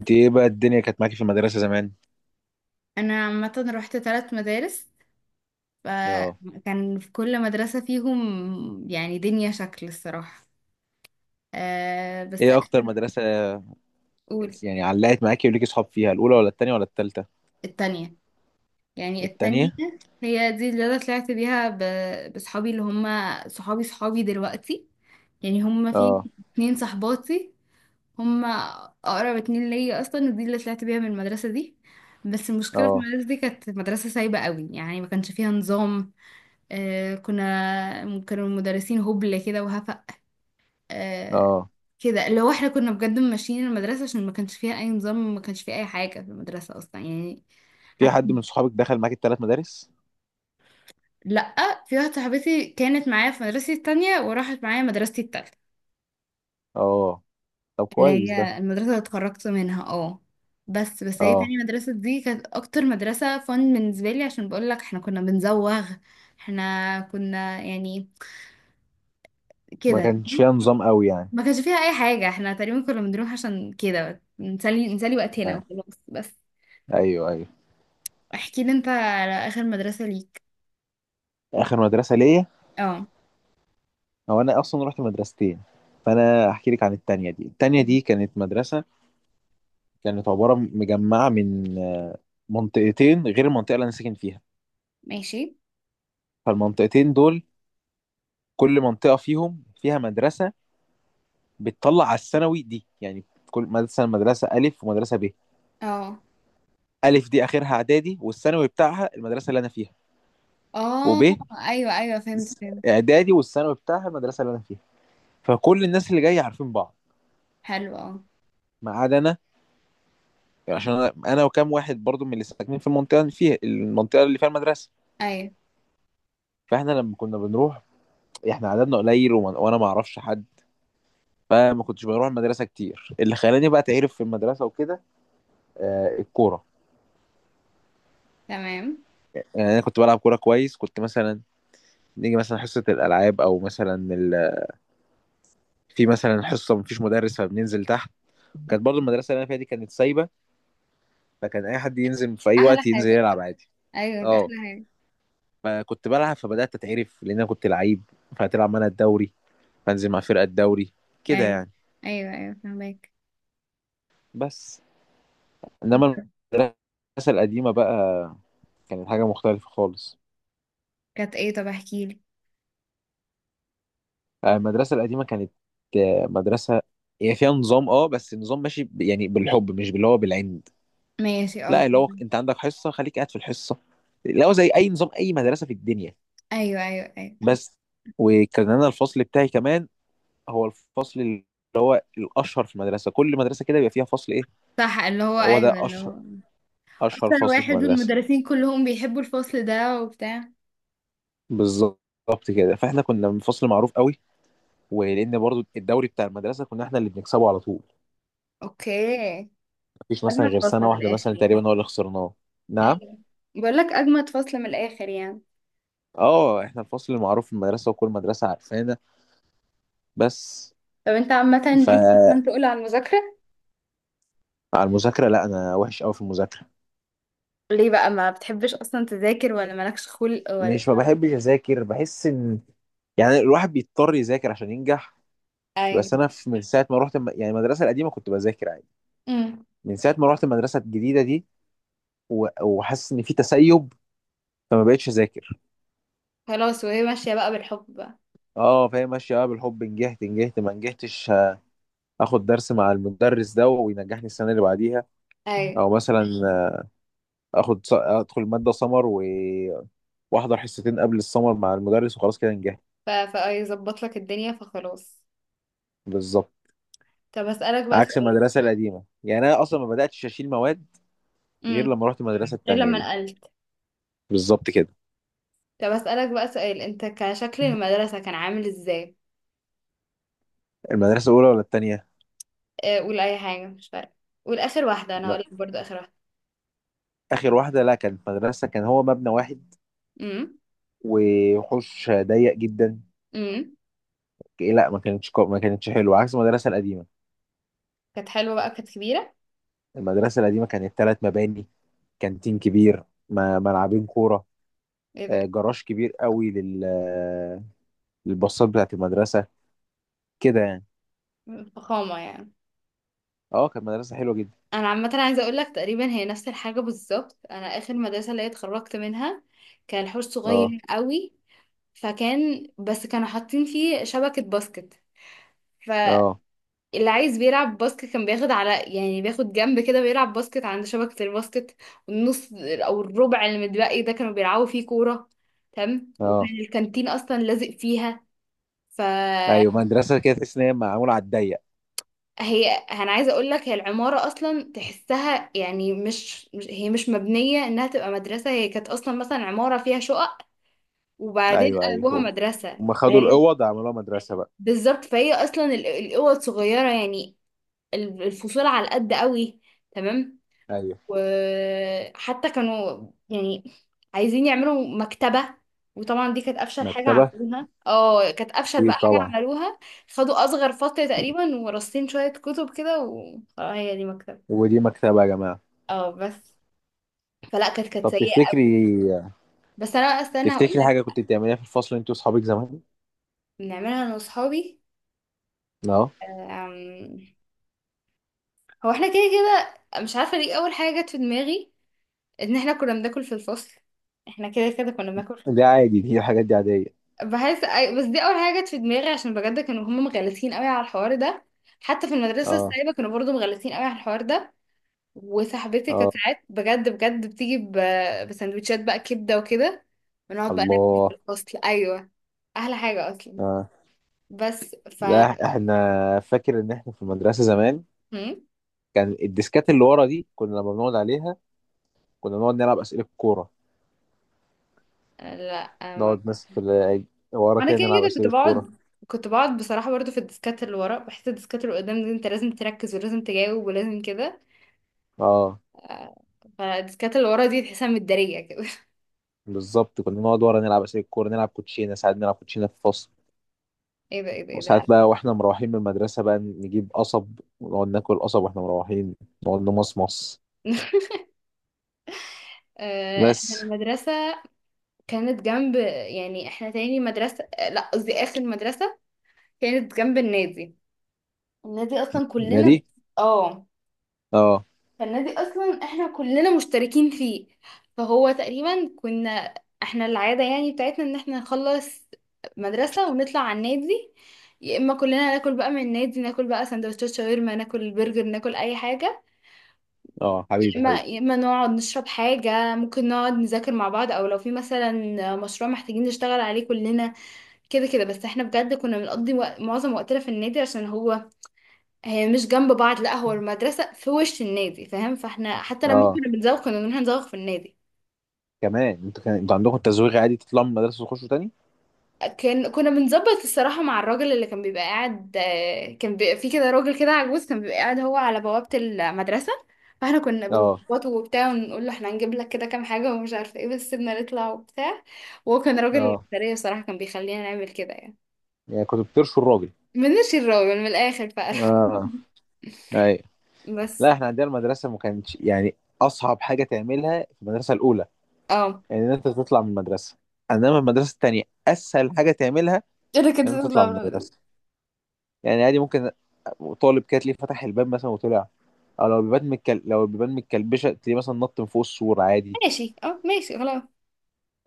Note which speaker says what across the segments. Speaker 1: انت ايه بقى الدنيا كانت معاكي في المدرسة زمان؟
Speaker 2: انا عامه رحت ثلاث مدارس.
Speaker 1: اه.
Speaker 2: فكان في كل مدرسه فيهم يعني دنيا شكل الصراحه. أه، بس
Speaker 1: ايه اكتر
Speaker 2: اخر
Speaker 1: مدرسة.
Speaker 2: اقول.
Speaker 1: يعني علقت معاكي وليكي صحاب فيها الاولى ولا التانية ولا التالتة؟
Speaker 2: التانية. يعني التانية
Speaker 1: التانية؟
Speaker 2: هي دي اللي انا طلعت بيها بصحابي اللي هم صحابي صحابي دلوقتي. يعني هم في
Speaker 1: اه.
Speaker 2: اتنين صحباتي، هم اقرب اتنين ليا اصلا، ودي اللي طلعت بيها من المدرسه دي. بس المشكله في
Speaker 1: اه.
Speaker 2: المدرسه دي، كانت مدرسه سايبه قوي، يعني ما كانش فيها نظام. كانوا المدرسين هبل كده وهفق. آه،
Speaker 1: اه.
Speaker 2: كده اللي هو احنا كنا بجد ماشيين المدرسة، عشان ما كانش فيها أي نظام، ما كانش فيها أي حاجة في المدرسة أصلا يعني.
Speaker 1: في
Speaker 2: حتى
Speaker 1: حد من صحابك دخل معاكي التلات مدارس؟
Speaker 2: لأ، في واحدة صاحبتي كانت معايا في مدرستي التانية وراحت معايا مدرستي التالتة،
Speaker 1: اه، طب
Speaker 2: اللي
Speaker 1: كويس ده.
Speaker 2: هي المدرسة اللي اتخرجت منها. اه بس، هي
Speaker 1: اه،
Speaker 2: تاني مدرسة دي كانت أكتر مدرسة فن بالنسبة لي، عشان بقولك احنا كنا بنزوغ. احنا كنا يعني
Speaker 1: ما
Speaker 2: كده،
Speaker 1: كانش فيها نظام قوي يعني.
Speaker 2: ما كانش فيها اي حاجه. احنا تقريبا كنا بنروح عشان كده نسلي نسلي وقتنا
Speaker 1: آه.
Speaker 2: وخلاص بس.
Speaker 1: ايوه، ايوه.
Speaker 2: احكي لي انت على اخر مدرسه ليك.
Speaker 1: اخر مدرسة ليا،
Speaker 2: اه،
Speaker 1: هو انا اصلا رحت مدرستين، فانا احكي لك عن التانية دي. التانية دي كانت مدرسة، كانت عبارة مجمعة من منطقتين غير المنطقة اللي انا ساكن فيها.
Speaker 2: ماشي،
Speaker 1: فالمنطقتين دول كل منطقة فيهم فيها مدرسة بتطلع على الثانوي دي يعني. كل مدرسة، مدرسة ألف ومدرسة ب.
Speaker 2: اه،
Speaker 1: ألف دي آخرها إعدادي والثانوي بتاعها المدرسة اللي أنا فيها. وب
Speaker 2: اه، ايوه ايوه فهمت فهمت.
Speaker 1: إعدادي والثانوي بتاعها المدرسة اللي أنا فيها. فكل الناس اللي جاية عارفين بعض
Speaker 2: حلو، اه.
Speaker 1: ما عدا أنا، عشان أنا وكام واحد برضو من اللي ساكنين في المنطقة اللي فيها المدرسة.
Speaker 2: ايوه
Speaker 1: فإحنا لما كنا بنروح، إحنا عددنا قليل وأنا ما أعرفش حد، فما كنتش بروح المدرسة كتير. اللي خلاني بقى تعرف في المدرسة وكده الكورة.
Speaker 2: تمام.
Speaker 1: يعني انا كنت بلعب كوره كويس، كنت مثلا نيجي مثلا حصه الالعاب او مثلا في مثلا حصه مفيش مدرس فبننزل تحت. كانت برضو المدرسه اللي انا فيها دي كانت سايبه، فكان اي حد ينزل في اي
Speaker 2: احلى
Speaker 1: وقت ينزل
Speaker 2: حاجه.
Speaker 1: يلعب عادي.
Speaker 2: ايوه دي
Speaker 1: اه.
Speaker 2: احلى حاجه.
Speaker 1: فكنت بلعب فبدات اتعرف، لان انا كنت لعيب فهتلعب معانا الدوري، فانزل مع فرقه الدوري كده
Speaker 2: ايوه
Speaker 1: يعني.
Speaker 2: ايوه ايوه فهمك.
Speaker 1: بس انما المدرسه القديمه بقى كانت حاجه مختلفه خالص.
Speaker 2: كانت ايه؟ طب احكي لي.
Speaker 1: المدرسه القديمه كانت مدرسه هي فيها نظام، بس النظام ماشي يعني بالحب مش باللي هو بالعند.
Speaker 2: ماشي، اه،
Speaker 1: لا، اللي هو
Speaker 2: فهمك.
Speaker 1: انت عندك حصه خليك قاعد في الحصه، اللي هو زي اي نظام اي مدرسه في الدنيا.
Speaker 2: ايوه ايوه ايوه.
Speaker 1: بس، وكان انا الفصل بتاعي كمان هو الفصل اللي هو الاشهر في المدرسه. كل مدرسه كده بيبقى فيها فصل ايه،
Speaker 2: صح، اللي هو
Speaker 1: هو ده
Speaker 2: ايوه اللي
Speaker 1: اشهر،
Speaker 2: هو
Speaker 1: اشهر
Speaker 2: اكتر
Speaker 1: فصل في
Speaker 2: واحد،
Speaker 1: المدرسه.
Speaker 2: والمدرسين كلهم بيحبوا الفصل ده وبتاع.
Speaker 1: بالظبط كده، فاحنا كنا من فصل معروف قوي، ولان برضو الدوري بتاع المدرسه كنا احنا اللي بنكسبه على طول.
Speaker 2: اوكي.
Speaker 1: مفيش مثلا
Speaker 2: أجمد
Speaker 1: غير
Speaker 2: فصل من
Speaker 1: سنه واحده
Speaker 2: الآخر
Speaker 1: مثلا
Speaker 2: يعني؟
Speaker 1: تقريبا هو اللي خسرناه. نعم.
Speaker 2: ايوه، بقول لك اجمد فصل من الاخر يعني.
Speaker 1: اه، احنا الفصل المعروف في المدرسه وكل مدرسه عارفانا. بس،
Speaker 2: طب انت عامه ليك اصلا تقول على المذاكره؟
Speaker 1: على المذاكرة، لا أنا وحش أوي في المذاكرة.
Speaker 2: ليه بقى؟ ما بتحبش أصلا تذاكر ولا مالكش خلق ولا؟
Speaker 1: مش ما بحبش أذاكر، بحس إن يعني الواحد بيضطر يذاكر عشان ينجح.
Speaker 2: ايوه.
Speaker 1: بس أنا في من ساعة ما رحت يعني المدرسة القديمة كنت بذاكر عادي.
Speaker 2: امم
Speaker 1: من ساعة ما رحت المدرسة الجديدة دي وحاسس إن في تسيب، فما بقتش أذاكر.
Speaker 2: خلاص، وهي ماشيه بقى بالحب بقى.
Speaker 1: أه، فهي ماشية بقى بالحب. نجحت، نجحت ما نجحتش آخد درس مع المدرس ده وينجحني السنة اللي بعديها.
Speaker 2: ايوه،
Speaker 1: أو مثلا آخد أدخل مادة سمر وأحضر حصتين قبل السمر مع المدرس وخلاص كده نجحت.
Speaker 2: فيظبط لك الدنيا فخلاص.
Speaker 1: بالظبط،
Speaker 2: طب اسالك بقى
Speaker 1: عكس
Speaker 2: سؤال.
Speaker 1: المدرسة القديمة، يعني أنا أصلا ما بدأتش أشيل مواد غير
Speaker 2: امم
Speaker 1: لما رحت المدرسة
Speaker 2: غير
Speaker 1: التانية
Speaker 2: لما
Speaker 1: دي.
Speaker 2: نقلت.
Speaker 1: بالظبط كده.
Speaker 2: طب اسالك بقى سؤال، انت كشكل المدرسه كان عامل ازاي؟
Speaker 1: المدرسة الأولى ولا التانية؟
Speaker 2: قول اي حاجه مش فارقه. قول اخر واحده انا هقول
Speaker 1: لا.
Speaker 2: لك برضو اخر واحده.
Speaker 1: آخر واحدة، لا كانت مدرسة، كان هو مبنى واحد
Speaker 2: امم
Speaker 1: وحوش ضيق جدا.
Speaker 2: امم
Speaker 1: إيه، لا ما كانتش ما كانتش حلوة، عكس المدرسة القديمة.
Speaker 2: كانت حلوه بقى، كانت كبيره.
Speaker 1: المدرسة القديمة كانت ثلاث مباني، كانتين كبير، ملعبين كورة،
Speaker 2: ايه ده.
Speaker 1: جراج كبير قوي لل للباصات بتاعت المدرسة كده يعني.
Speaker 2: فخامة يعني.
Speaker 1: اه، كانت مدرسة حلوة جدا.
Speaker 2: انا عامة عايزة اقول لك تقريبا هي نفس الحاجة بالظبط. انا اخر مدرسة اللي هي اتخرجت منها كان حوش
Speaker 1: اه.
Speaker 2: صغير قوي. فكان بس كانوا حاطين فيه شبكة باسكت،
Speaker 1: اه.
Speaker 2: فاللي عايز بيلعب باسكت كان بياخد على، يعني بياخد جنب كده بيلعب باسكت عند شبكة الباسكت، والنص او الربع اللي متبقي ده كانوا بيلعبوا فيه كورة. تمام، وكان
Speaker 1: اه.
Speaker 2: الكانتين اصلا لازق فيها. ف،
Speaker 1: ايوه، مدرسة كده تحس ان هي معمولة على الضيق.
Speaker 2: هي انا عايزه اقول لك هي العماره اصلا تحسها يعني هي مش مبنيه انها تبقى مدرسه. هي كانت اصلا مثلا عماره فيها شقق وبعدين
Speaker 1: ايوه، ايوه.
Speaker 2: قلبوها
Speaker 1: هو
Speaker 2: مدرسه.
Speaker 1: هم خدوا
Speaker 2: هي
Speaker 1: الاوض عملوها مدرسه بقى.
Speaker 2: بالظبط. فهي اصلا الاوض صغيره يعني، الفصول على قد قوي، تمام.
Speaker 1: ايوه.
Speaker 2: وحتى كانوا يعني عايزين يعملوا مكتبه، وطبعا دي كانت افشل حاجه
Speaker 1: مكتبه؟
Speaker 2: عملوها. اه، كانت افشل بقى
Speaker 1: اكيد
Speaker 2: حاجه
Speaker 1: طبعا.
Speaker 2: عملوها. خدوا اصغر فصل تقريبا، ورصين شويه كتب كده وخلاص. هي دي مكتبه.
Speaker 1: ودي مكتبه يا جماعه.
Speaker 2: اه بس، فلا كانت
Speaker 1: طب
Speaker 2: سيئة.
Speaker 1: تفتكري،
Speaker 2: بس انا استنى هقول
Speaker 1: تفتكري حاجه
Speaker 2: لك.
Speaker 1: كنت بتعمليها في الفصل انت واصحابك زمان.
Speaker 2: بنعملها انا واصحابي.
Speaker 1: اه،
Speaker 2: أم، هو احنا كده كده مش عارفة ليه اول حاجة جت في دماغي، ان احنا كنا بناكل في الفصل. احنا كده كده كنا بناكل في
Speaker 1: ده
Speaker 2: الفصل.
Speaker 1: عادي، دي الحاجات دي عاديه.
Speaker 2: بس دي اول حاجة جت في دماغي، عشان بجد كانوا هم مغلسين قوي على الحوار ده. حتى في المدرسة
Speaker 1: اه.
Speaker 2: السايبة كانوا برضو مغلسين قوي على الحوار ده. وصاحبتي
Speaker 1: اه.
Speaker 2: كانت ساعات بجد بجد بتيجي بسندوتشات بقى كبدة وكده، ونقعد بقى ناكل في
Speaker 1: الله.
Speaker 2: الفصل. ايوه، احلى حاجة اصلا.
Speaker 1: اه.
Speaker 2: بس ف.
Speaker 1: لا، احنا فاكر ان احنا في المدرسه زمان
Speaker 2: هم؟
Speaker 1: كان الديسكات اللي ورا دي، كنا لما بنقعد عليها كنا بنقعد نلعب اسئله كوره،
Speaker 2: لا ما.
Speaker 1: نقعد ناس في ورا
Speaker 2: انا
Speaker 1: كده
Speaker 2: كده
Speaker 1: نلعب
Speaker 2: كده كنت
Speaker 1: اسئله كوره.
Speaker 2: بقعد، كنت بقعد بصراحة برضو في الديسكات اللي ورا. بحس الديسكات اللي قدام دي انت لازم تركز ولازم تجاوب ولازم كده.
Speaker 1: اه،
Speaker 2: آه، فالديسكات اللي ورا دي تحسها متدارية كده.
Speaker 1: بالظبط، كنا نقعد ورا نلعب اسئله الكوره، نلعب كوتشينه، ساعات نلعب كوتشينه في الفصل.
Speaker 2: ايه ده ايه ده ايه ده
Speaker 1: وساعات
Speaker 2: لا.
Speaker 1: بقى واحنا مروحين من المدرسه بقى نجيب قصب ونقعد ناكل قصب واحنا مروحين، نقعد نمصمص.
Speaker 2: احنا
Speaker 1: بس.
Speaker 2: المدرسة كانت جنب، يعني احنا تاني مدرسة، لا قصدي اخر مدرسة، كانت جنب النادي. النادي اصلا كلنا،
Speaker 1: نادي.
Speaker 2: اه،
Speaker 1: اه.
Speaker 2: فالنادي اصلا احنا كلنا مشتركين فيه. فهو تقريبا كنا، احنا العاده يعني بتاعتنا ان احنا نخلص مدرسه ونطلع على النادي. يا اما كلنا ناكل بقى من النادي، ناكل بقى سندوتشات شاورما، ناكل برجر، ناكل اي حاجه،
Speaker 1: اه،
Speaker 2: يا
Speaker 1: حبيبي
Speaker 2: اما
Speaker 1: حبيبي.
Speaker 2: يا اما نقعد نشرب حاجه، ممكن نقعد نذاكر مع بعض او لو في مثلا مشروع محتاجين نشتغل عليه كلنا. كده كده بس. احنا بجد كنا بنقضي معظم وقتنا في النادي، عشان هو، هي مش جنب بعض، لا هو المدرسة في وش النادي فاهم. فاحنا حتى لما
Speaker 1: اه.
Speaker 2: كنا بنزوق كنا بنروح نزوق في النادي.
Speaker 1: كمان انتوا كان انتوا عندكم تزويغ عادي تطلعوا من المدرسه تخشوا تاني.
Speaker 2: كنا بنظبط الصراحة مع الراجل اللي كان بيبقى قاعد، كان بيبقى في كده راجل كده عجوز كان بيبقى قاعد هو على بوابة المدرسة. فاحنا كنا
Speaker 1: اه.
Speaker 2: بنظبطه وبتاع ونقول له احنا هنجيب لك كده كام حاجة ومش عارفة ايه، بس سيبنا نطلع وبتاع. وهو كان راجل،
Speaker 1: اه،
Speaker 2: الإدارية صراحة كان بيخلينا نعمل كده يعني.
Speaker 1: يعني كنتوا بترشوا الراجل.
Speaker 2: من الشراوي من الآخر بقى.
Speaker 1: اه، ايوه.
Speaker 2: بس.
Speaker 1: لا، احنا عندنا المدرسه ما كانتش يعني اصعب حاجه تعملها في المدرسه الاولى
Speaker 2: اه
Speaker 1: يعني ان انت تطلع من المدرسه. انما المدرسه التانيه اسهل حاجه تعملها
Speaker 2: انا كنت
Speaker 1: ان انت تطلع
Speaker 2: تطلع
Speaker 1: من
Speaker 2: من
Speaker 1: المدرسه.
Speaker 2: المدرسة.
Speaker 1: يعني عادي، ممكن طالب كده تلاقيه فتح الباب مثلا وطلع، او لو البيبان لو البيبان متكلبشه تلاقيه مثلا نط من فوق السور عادي.
Speaker 2: ماشي اه، ماشي خلاص.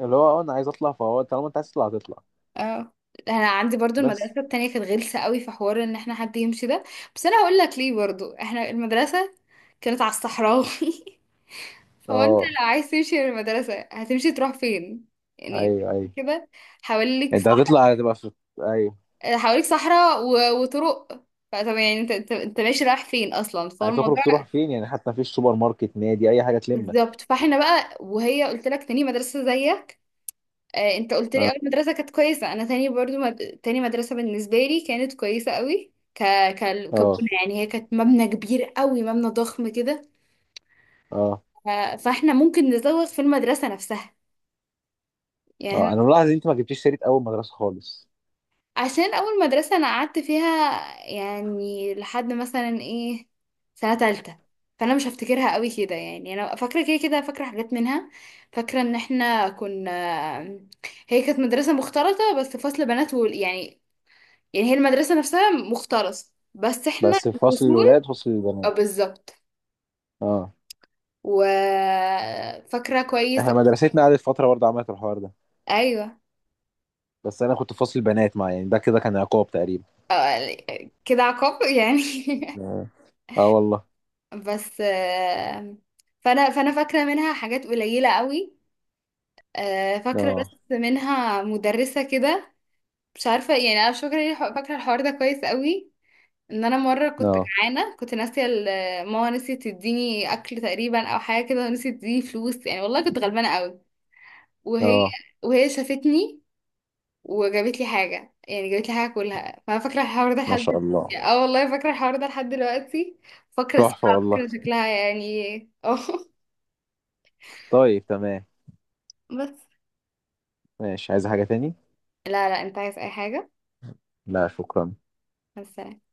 Speaker 1: اللي هو انا عايز اطلع، فهو طالما انت عايز تطلع هتطلع.
Speaker 2: اه، انا عندي برضو
Speaker 1: بس.
Speaker 2: المدرسه التانية كانت غلسه قوي في حوار ان احنا حد يمشي ده، بس انا هقول لك ليه. برضو احنا المدرسه كانت على الصحراوي. فهو انت
Speaker 1: اه،
Speaker 2: لو عايز تمشي من المدرسه هتمشي تروح فين؟ يعني انت
Speaker 1: ايوه ايوه.
Speaker 2: كده، حواليك
Speaker 1: انت
Speaker 2: صح،
Speaker 1: هتطلع هتبقى في، ايوه،
Speaker 2: حواليك صحراء وطرق. فطب يعني انت ماشي رايح فين اصلا، فهو
Speaker 1: هتخرج
Speaker 2: الموضوع.
Speaker 1: تروح فين يعني؟ حتى مفيش سوبر ماركت، نادي، اي حاجه تلمك.
Speaker 2: بالظبط. فاحنا بقى، وهي قلت لك تاني مدرسه زيك. انت قلت لي اول مدرسه كانت كويسه، انا تاني برضو تاني مدرسه بالنسبه لي كانت كويسه قوي،
Speaker 1: اه.
Speaker 2: كبنى يعني. هي كانت مبنى كبير قوي، مبنى ضخم كده.
Speaker 1: اه.
Speaker 2: ف... فاحنا ممكن نزوغ في المدرسه نفسها
Speaker 1: اه،
Speaker 2: يعني.
Speaker 1: انا ملاحظ ان انت ما جبتيش سيره اول مدرسه خالص.
Speaker 2: عشان اول مدرسه انا قعدت فيها يعني لحد مثلا ايه، سنه تالتة، فانا مش هفتكرها قوي كده يعني. انا فاكره كده كده، فاكره حاجات منها، فاكره ان احنا كنا، هي كانت مدرسه مختلطه، بس فصل بنات يعني، يعني هي المدرسة نفسها مختلصة بس احنا
Speaker 1: بس في فصل الولاد
Speaker 2: الفصول.
Speaker 1: وفصل
Speaker 2: اه
Speaker 1: البنات.
Speaker 2: بالظبط.
Speaker 1: اه.
Speaker 2: وفاكرة كويس.
Speaker 1: احنا مدرستنا قعدت فتره برضه عملت الحوار ده.
Speaker 2: ايوه.
Speaker 1: بس انا كنت في فصل البنات، مع يعني ده كده كان عقاب تقريبا.
Speaker 2: كده عقاب يعني.
Speaker 1: اه. آه والله.
Speaker 2: بس فانا فاكرة منها حاجات قليلة قوي. فاكرة بس
Speaker 1: اه.
Speaker 2: منها مدرسة كده، مش عارفة يعني. انا مش فاكرة ليه، فاكرة الحوار ده كويس قوي، ان انا مرة كنت
Speaker 1: اه.
Speaker 2: جعانة كنت ناسية ماما نسيت تديني اكل تقريبا او حاجة كده ونسيت تديني فلوس يعني، والله كنت غلبانة قوي. وهي
Speaker 1: اه.
Speaker 2: وهي شافتني وجابت لي حاجة، يعني جابت لي حاجة كلها. فأنا فاكرة الحوار ده
Speaker 1: ما
Speaker 2: لحد
Speaker 1: شاء الله.
Speaker 2: اه والله فاكرة الحوار ده لحد دلوقتي. فاكرة
Speaker 1: تحفة
Speaker 2: اسمها
Speaker 1: والله.
Speaker 2: فاكرة شكلها يعني. اه.
Speaker 1: طيب، تمام.
Speaker 2: بس.
Speaker 1: ماشي، عايز حاجة تاني؟
Speaker 2: لا لا، انت عايز اي حاجة؟
Speaker 1: لا شكرا.
Speaker 2: بس.